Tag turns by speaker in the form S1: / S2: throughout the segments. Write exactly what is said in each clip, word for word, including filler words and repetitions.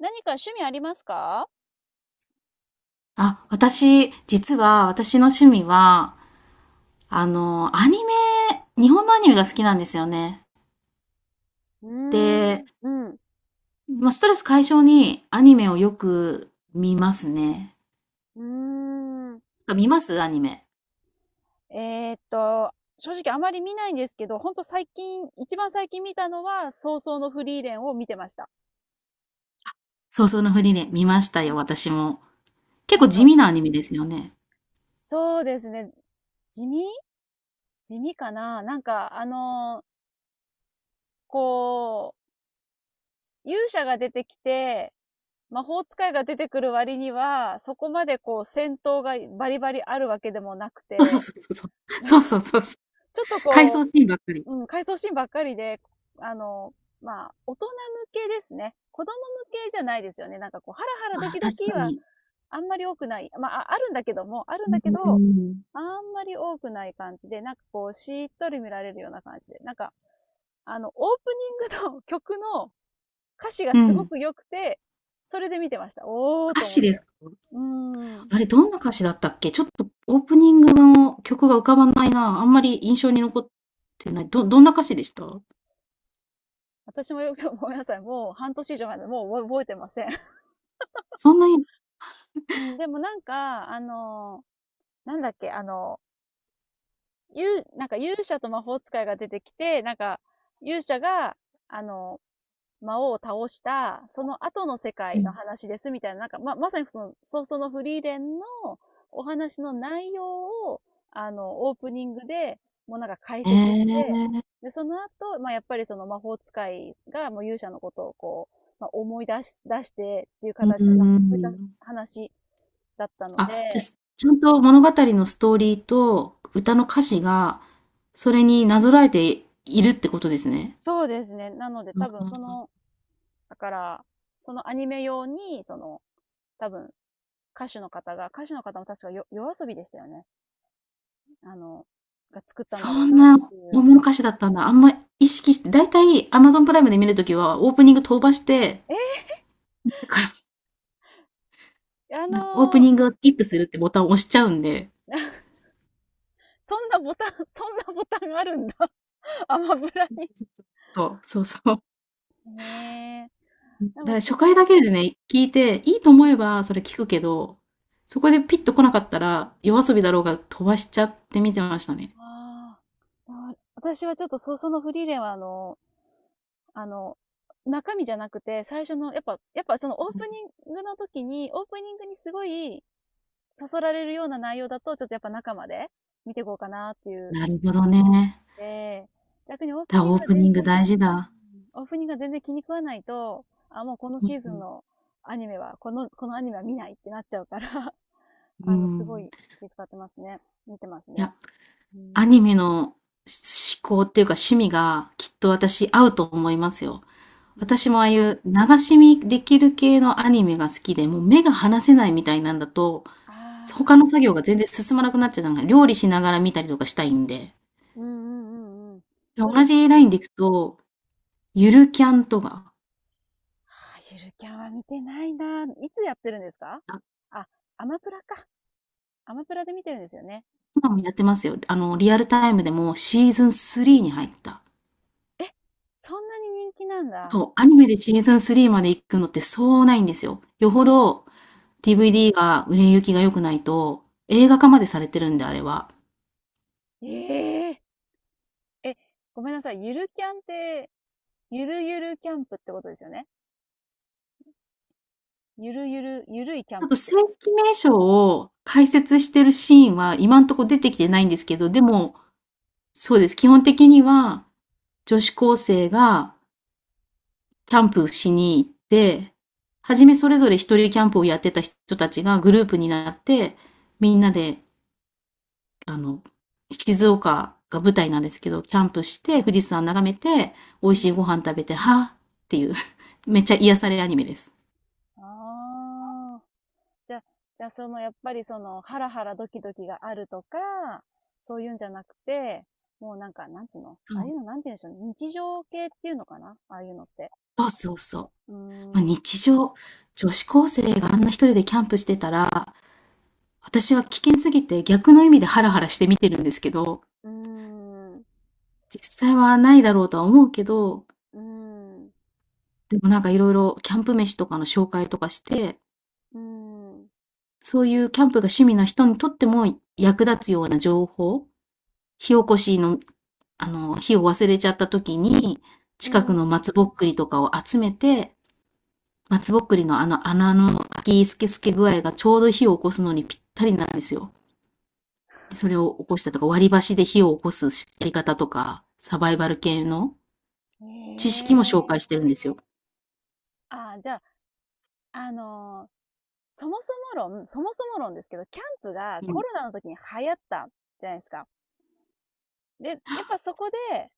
S1: 何か趣味ありますか？
S2: あ、私、実は、私の趣味は、あの、アニメ、日本のアニメが好きなんですよね。
S1: うー
S2: で、
S1: ん、うん、
S2: まあ、ストレス解消にアニメをよく見ますね。
S1: うーん。
S2: あ、見ますアニメ。
S1: えーっと、正直あまり見ないんですけど、ほんと最近、一番最近見たのは、早々のフリーレンを見てました。
S2: そうそうのふりね、見ました
S1: う
S2: よ、
S1: ん、
S2: 私も。結
S1: な
S2: 構
S1: ん
S2: 地
S1: か、
S2: 味なアニメですよね。
S1: そうですね。地味地味かな？なんか、あの、こう、勇者が出てきて、魔法使いが出てくる割には、そこまでこう戦闘がバリバリあるわけでもなく
S2: そうそう
S1: て、
S2: そうそう。
S1: ち
S2: そうそうそうそう。
S1: ょっと
S2: 回
S1: こ
S2: 想シーンばっかり。
S1: ううん、回想シーンばっかりで、あの、まあ、大人向けですね。子供向けじゃないですよね。なんかこう、ハラハラ
S2: あ
S1: ド
S2: あ、
S1: キド
S2: 確
S1: キ
S2: か
S1: は
S2: に。
S1: あんまり多くない。まあ、あるんだけども、あるんだけ
S2: う
S1: ど、
S2: ん。
S1: あんまり多くない感じで、なんかこう、しっとり見られるような感じで。なんか、あの、オープニングの曲の歌詞が
S2: う
S1: すご
S2: ん。
S1: く良くて、それで見てました。おー
S2: 歌
S1: と思っ
S2: 詞です
S1: て。
S2: か？
S1: うーん。
S2: あれ、どんな歌詞だったっけ？ちょっとオープニングの曲が浮かばないな。あんまり印象に残ってない。どどんな歌詞でした？
S1: 私もよく、ごめんなさい。もう半年以上前まで、もう覚えてません。
S2: そんなに。
S1: うん、でもなんか、あのー、なんだっけ、あの、ゆなんか勇者と魔法使いが出てきて、なんか、勇者が、あの、魔王を倒した、その後の世
S2: う
S1: 界の
S2: ん。
S1: 話ですみたいな、なんか、ま、まさにその、早々のフリーレンのお話の内容を、あの、オープニングで、もうなんか解
S2: え
S1: 説して、
S2: え、
S1: で、その後、まあ、やっぱりその魔法使いがもう勇者のことをこう、まあ、思い出し、出してっていう
S2: うー
S1: 形の、なんかそういった
S2: ん。
S1: 話だったの
S2: あ、じゃ、
S1: で、
S2: すちゃんと物語のストーリーと歌の歌詞が、それになぞらえているってことですね。
S1: そうですね。なので
S2: う
S1: 多
S2: ん
S1: 分そ
S2: うん。
S1: のだから、そのアニメ用に、その、多分、歌手の方が、歌手の方も確かよ夜遊びでしたよね。あの、が作ったん
S2: そ
S1: だろう
S2: ん
S1: なっ
S2: な
S1: ていう。
S2: 大の歌詞だったんだ。あんま意識してだいたい Amazon プライムで見る時はオープニング飛ばして、
S1: え
S2: だか
S1: あ
S2: ら、なオープ
S1: のー
S2: ニングをスキップするってボタンを押しちゃうんで、
S1: そんなボタン、そんなボタンあるんだ。アマブラ
S2: そう
S1: に。
S2: そうそうそう。そう、そうそう。
S1: ねえ。
S2: だか
S1: で
S2: ら
S1: もす
S2: 初
S1: ご
S2: 回
S1: い、
S2: だけですね、聞いて、いいと
S1: う
S2: 思
S1: ん、
S2: えばそれ聞くけど、そこでピッと来なかったら、夜遊びだろうが飛ばしちゃって見てましたね。
S1: ああ私はちょっとそ、そのフリーレンはあの、あの、中身じゃなくて、最初の、やっぱ、やっぱそのオープニングの時に、オープニングにすごい、そそられるような内容だと、ちょっとやっぱ中まで見ていこうかなっていう
S2: なるほど
S1: 気になる
S2: ね。
S1: んで、逆にオープ
S2: だ、
S1: ニン
S2: オ
S1: グ
S2: ー
S1: が
S2: プニ
S1: 全
S2: ング
S1: 然、
S2: 大事
S1: う
S2: だ。
S1: ん、オープニングが全然気に食わないと、あ、もうこの
S2: う
S1: シーズン
S2: ん。
S1: のアニメは、この、このアニメは見ないってなっちゃうから
S2: う
S1: あの、すご
S2: ん。
S1: い気遣ってますね。見てます
S2: いや、
S1: ね。う
S2: ア
S1: ん。
S2: ニメのし嗜好っていうか趣味がきっと私合うと思いますよ。
S1: うん、
S2: 私もああいう流し見できる系のアニメが好きで、もう目が離せないみたいなんだと、
S1: あ
S2: 他
S1: あ、
S2: の作業が全然進まなくなっちゃう、なん料理しながら見たりとかしたいんで。
S1: うんうんうんうん。そうで
S2: 同
S1: す。
S2: じラインでいくと、ゆるキャンとか、
S1: ああ、ゆるキャンは見てないな。いつやってるんですか？
S2: あ、
S1: あ、アマプラか。アマプラで見てるんですよね。
S2: 今もやってますよ。あの、リアルタイムでもシーズンスリーに入った。
S1: え、そんなに人気なんだ。
S2: そう、アニメでシーズンスリーまで行くのってそうないんですよ。よほど ディーブイディー が売れ行きが良くないと、映画化までされてるんで、あれは。
S1: えええ、ごめんなさい。ゆるキャンって、ゆるゆるキャンプってことですよね。ゆるゆる、ゆるいキャ
S2: ち
S1: ン
S2: ょっ
S1: プ
S2: と
S1: って
S2: 正
S1: こと。
S2: 式名称を解説してるシーンは今んとこ出てきてないんですけど、でも、そうです。基本的には、女子高生がキャンプしに行って、はじめそれぞれ一人キャンプをやってた人たちがグループになって、みんなで、あの、静岡が舞台なんですけど、キャンプして、富士山眺めて、美
S1: う
S2: 味し
S1: ん、
S2: いご飯食べて、はぁっていう めっちゃ癒されアニメです。
S1: ああ、じゃ、じゃあその、やっぱりその、ハラハラドキドキがあるとか、そういうんじゃなくて、もうなんか、なんつうのああいうの、
S2: そ
S1: なんて言うんでしょうね。日常系っていうのかなああいうのって。
S2: う、そうそうそう。
S1: うー
S2: まあ、
S1: ん、う
S2: 日常、女子高生があんな一人でキャンプしてたら、私は危険すぎて逆の意味でハラハラして見てるんですけど、
S1: ーん、う
S2: 実際はないだろうとは思うけど、
S1: ーん、う
S2: でもなんかいろいろキャンプ飯とかの紹介とかして、
S1: ーん、う
S2: そういうキャンプが趣味な人にとっても役立つような情報、火起こしの、あの、火を忘れちゃった時に、
S1: ー
S2: 近く
S1: ん。
S2: の松ぼっくりとかを集めて、松ぼっくりのあの穴の開きスケスケ具合がちょうど火を起こすのにぴったりなんですよ。で、それを起こしたとか、割り箸で火を起こすやり方とか、サバイバル系の知識も紹
S1: え
S2: 介し
S1: え
S2: てるんですよ。
S1: ああ、じゃあ、あのーそもそも論、そもそも論ですけど、キャンプが
S2: う
S1: コ
S2: ん。
S1: ロナの時に流行ったじゃないですか。で、やっぱそこで、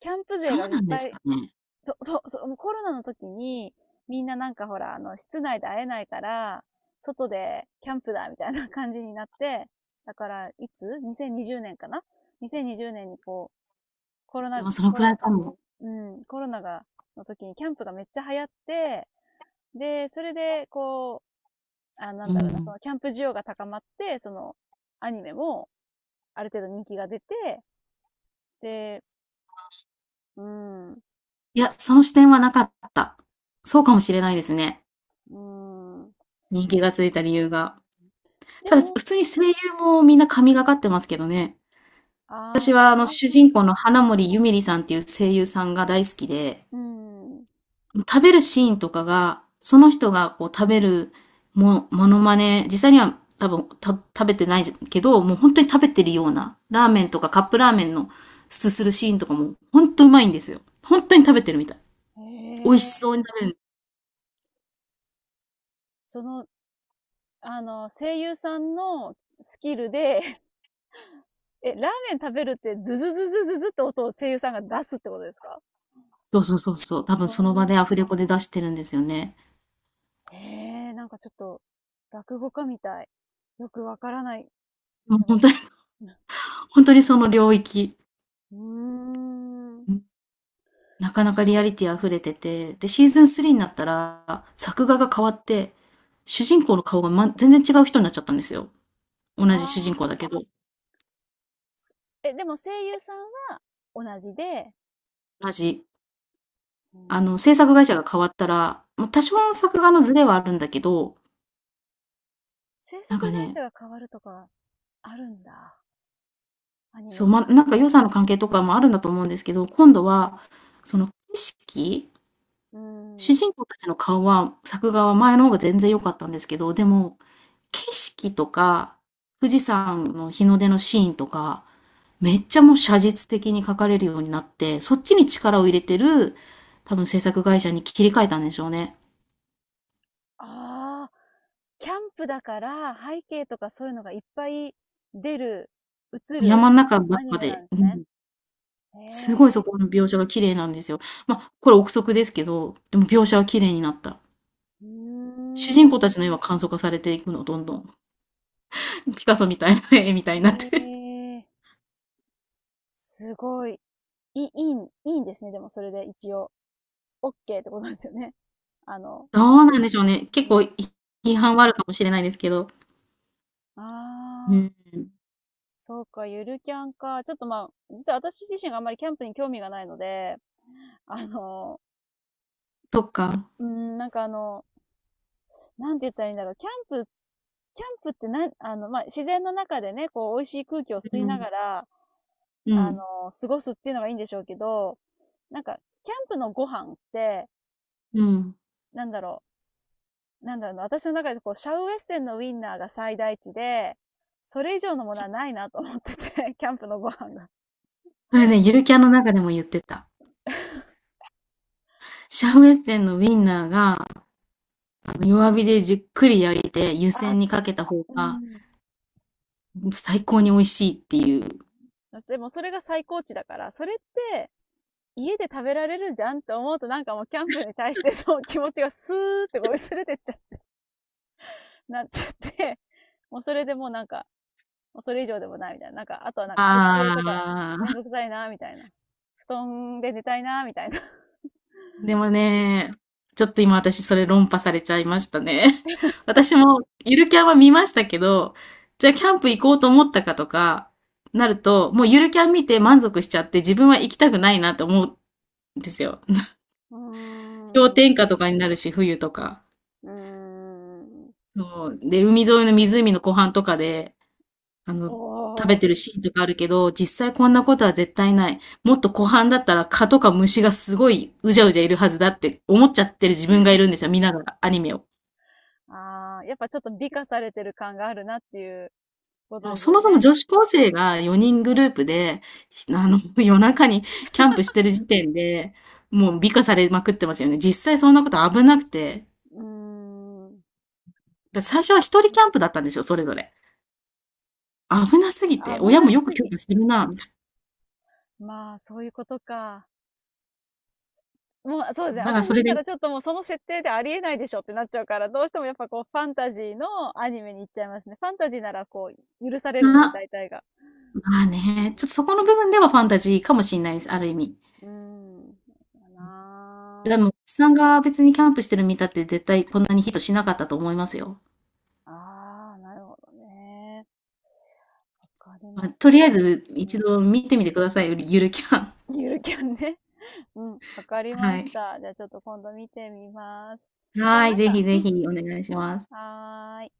S1: キャンプ勢
S2: そう
S1: がいっ
S2: なんで
S1: ぱ
S2: す
S1: い、
S2: かね。
S1: そ、そ、そ、もうコロナの時に、みんななんかほら、あの、室内で会えないから、外でキャンプだ、みたいな感じになって、だから、いつ ?2020 年かな ?にせんにじゅうねん 年にこう、コロ
S2: で
S1: ナ、
S2: もその
S1: コ
S2: く
S1: ロ
S2: ら
S1: ナ
S2: い
S1: の
S2: か
S1: 時に、
S2: も。
S1: うん、コロナが、の時にキャンプがめっちゃ流行って、で、それで、こう、あな
S2: う
S1: んだろうな、そ
S2: ん。
S1: のキャンプ需要が高まって、その、アニメもある程度人気が出て、で、うん、う
S2: いや、その視点はなかった。そうかもしれないですね。
S1: ん。
S2: 人気がついた理由が。
S1: で
S2: ただ、普
S1: も、
S2: 通に声優もみんな神がかってますけどね。
S1: ああ、
S2: 私はあ
S1: 声
S2: の
S1: 優
S2: 主
S1: さん
S2: 人公
S1: か。
S2: の花森ゆみりさんっていう声優さんが大好きで、
S1: うん。
S2: 食べるシーンとかが、その人がこう食べるもモノマネ、実際には多分、た食べてないけど、もう本当に食べてるような、ラーメンとかカップラーメンのすするシーンとかも、本当うまいんですよ。本当に食べてるみたい。
S1: へ
S2: 美味しそうに
S1: え。
S2: 食べる、
S1: その、あの、声優さんのスキルで、え、ラーメン食べるってズズズズズズって音を声優さんが出すってことですか？
S2: そうそうそうそう、多分
S1: う
S2: その場
S1: ん
S2: でアフレコで出してるんですよね。
S1: へえ、なんかちょっと、落語家みたい。よくわからない
S2: もう
S1: け
S2: ほんと
S1: ど。
S2: にほんと にその領域、
S1: うーん。不
S2: うん、なかなかリア
S1: 思
S2: リティ溢れてて、で、シーズンスリーになったら、作画が変わって、主人公の顔が、ま全然違う人になっちゃったんですよ。同じ
S1: ああ、
S2: 主人公だけど、
S1: すえ、でも声優さんは同じで、
S2: 同じ。
S1: う
S2: あ
S1: ん、
S2: の、制作会社が変わったら、ま、多少の作画のズレはあるんだけど、
S1: 制作
S2: なんか
S1: 会
S2: ね、
S1: 社が変わるとかあるんだ。アニ
S2: そう、
S1: メ。
S2: ま、なんか予算の関係とかもあるんだと思うんですけど、今度は、その景色
S1: う
S2: 主
S1: ん。
S2: 人公たちの顔は、作画は前の方が全然良かったんですけど、でも、景色とか、富士山の日の出のシーンとか、めっちゃもう写実的に描かれるようになって、そっちに力を入れてる、多分制作会社に切り替えたんでしょうね。
S1: ああ、キャンプだから背景とかそういうのがいっぱい出る、映る
S2: 山ん中ば
S1: ア
S2: っ
S1: ニ
S2: か
S1: メな
S2: で、
S1: んで
S2: う
S1: すね。
S2: ん、すごい
S1: へ
S2: そ
S1: え、
S2: この描写が綺麗なんですよ。ま、これ憶測ですけど、でも描写は綺麗になった。
S1: うー
S2: 主
S1: ん、
S2: 人
S1: へ
S2: 公たちの絵は簡素化されていくの、どんどん。ピカソみたいな絵みたいになって。
S1: え、すごい。いい、いいん、いいんですね。でもそれで一応、OK ってことですよね。あの、
S2: どうなんでしょうね。結
S1: う
S2: 構
S1: ん。
S2: い批判はあるかもしれないですけど。う
S1: ああ。
S2: ん、
S1: そうか、ゆるキャンか。ちょっとまあ、実は私自身があんまりキャンプに興味がないので、あの、
S2: そっか。
S1: うーん、なんかあの、なんて言ったらいいんだろう。キャンプ、キャンプってな、あの、まあ、自然の中でね、こう、美味しい空気を
S2: う
S1: 吸いな
S2: ん、
S1: がら、
S2: う
S1: あ
S2: ん、
S1: の、過ごすっていうのがいいんでしょうけど、なんか、キャンプのご飯って、
S2: うん。
S1: なんだろう、なんだろうな、私の中でこう、シャウエッセンのウインナーが最大値で、それ以上のものはないなと思ってて、キャンプのご飯が。
S2: それね、ゆるキャンの中でも言ってた。シャウエッセンのウィンナーが、あの、弱火でじっくり焼いて湯
S1: あ、
S2: 煎にかけた方
S1: う
S2: が、
S1: ん。
S2: 最高に美味しいっていう。
S1: でもそれが最高値だから、それって家で食べられるじゃんって思うとなんかもうキャンプに対しての 気持ちがスーってこう薄れてっちゃ、なっちゃって、もうそれでもうなんか、もうそれ以上でもないみたいな。なんか、あとはなんか設営とか
S2: あ
S1: めん
S2: あ。
S1: どくさいなみたいな。布団で寝たいなみたいな。
S2: でもね、ちょっと今私それ論破されちゃいましたね。私もゆるキャンは見ましたけど、じゃあキャンプ行こうと思ったかとかなると、もうゆるキャン見て満足しちゃって自分は行きたくないなと思うんですよ。
S1: うー
S2: 氷
S1: ん。う
S2: 点下とかになるし、冬とか。
S1: ーん。
S2: そうで、海沿いの湖の湖畔とかで、あ
S1: お
S2: の、食べ
S1: ー。
S2: てるシーンとかあるけど、実際こんなことは絶対ない。もっと湖畔だったら蚊とか虫がすごいうじゃうじゃいるはずだって思っちゃってる自分がいるんですよ、見ながらアニメを。
S1: あー、やっぱちょっと美化されてる感があるなっていうこと
S2: もう
S1: です
S2: そ
S1: よ
S2: もそも
S1: ね。
S2: 女子高生がよにんグループで、あの、夜中にキャンプしてる時点で、もう美化されまくってますよね。実際そんなこと危なくて。
S1: うーん。
S2: だ
S1: なる
S2: 最初
S1: ほ
S2: は一人
S1: どね。
S2: キャンプだったんですよ、それぞれ。危なすぎて、
S1: 危
S2: 親
S1: な
S2: もよく
S1: す
S2: 許
S1: ぎ。
S2: 可するな、みたいな。
S1: まあ、そういうことか。もう、そうです
S2: そ
S1: ね。
S2: う、だから
S1: 私
S2: そ
S1: だっ
S2: れ
S1: た
S2: で
S1: らちょっともうその設定でありえないでしょってなっちゃうから、どうしてもやっぱこうファンタジーのアニメに行っちゃいますね。ファンタジーならこう許されるの
S2: ま
S1: で
S2: あ、
S1: 大体が。
S2: まあね、ちょっとそこの部分ではファンタジーかもしんないです、ある意味。
S1: うん。うんだな
S2: でも、おじさんが別にキャンプしてる見たって絶対こんなにヒットしなかったと思いますよ。
S1: あ。ああ、なるほどね。わかり
S2: まあ、
S1: ました。
S2: とり
S1: じ
S2: あ
S1: ゃ
S2: え
S1: あ、
S2: ず
S1: う
S2: 一
S1: ん、
S2: 度見てみてください、ゆるゆるキャン。
S1: ゆるキャンね。うん、わかりま
S2: は
S1: し
S2: い。
S1: た。じゃあちょっと今度見てみます。じゃあ
S2: は
S1: な
S2: い、
S1: ん
S2: ぜ
S1: か、
S2: ひぜ
S1: うん、
S2: ひお願いします。
S1: はーい。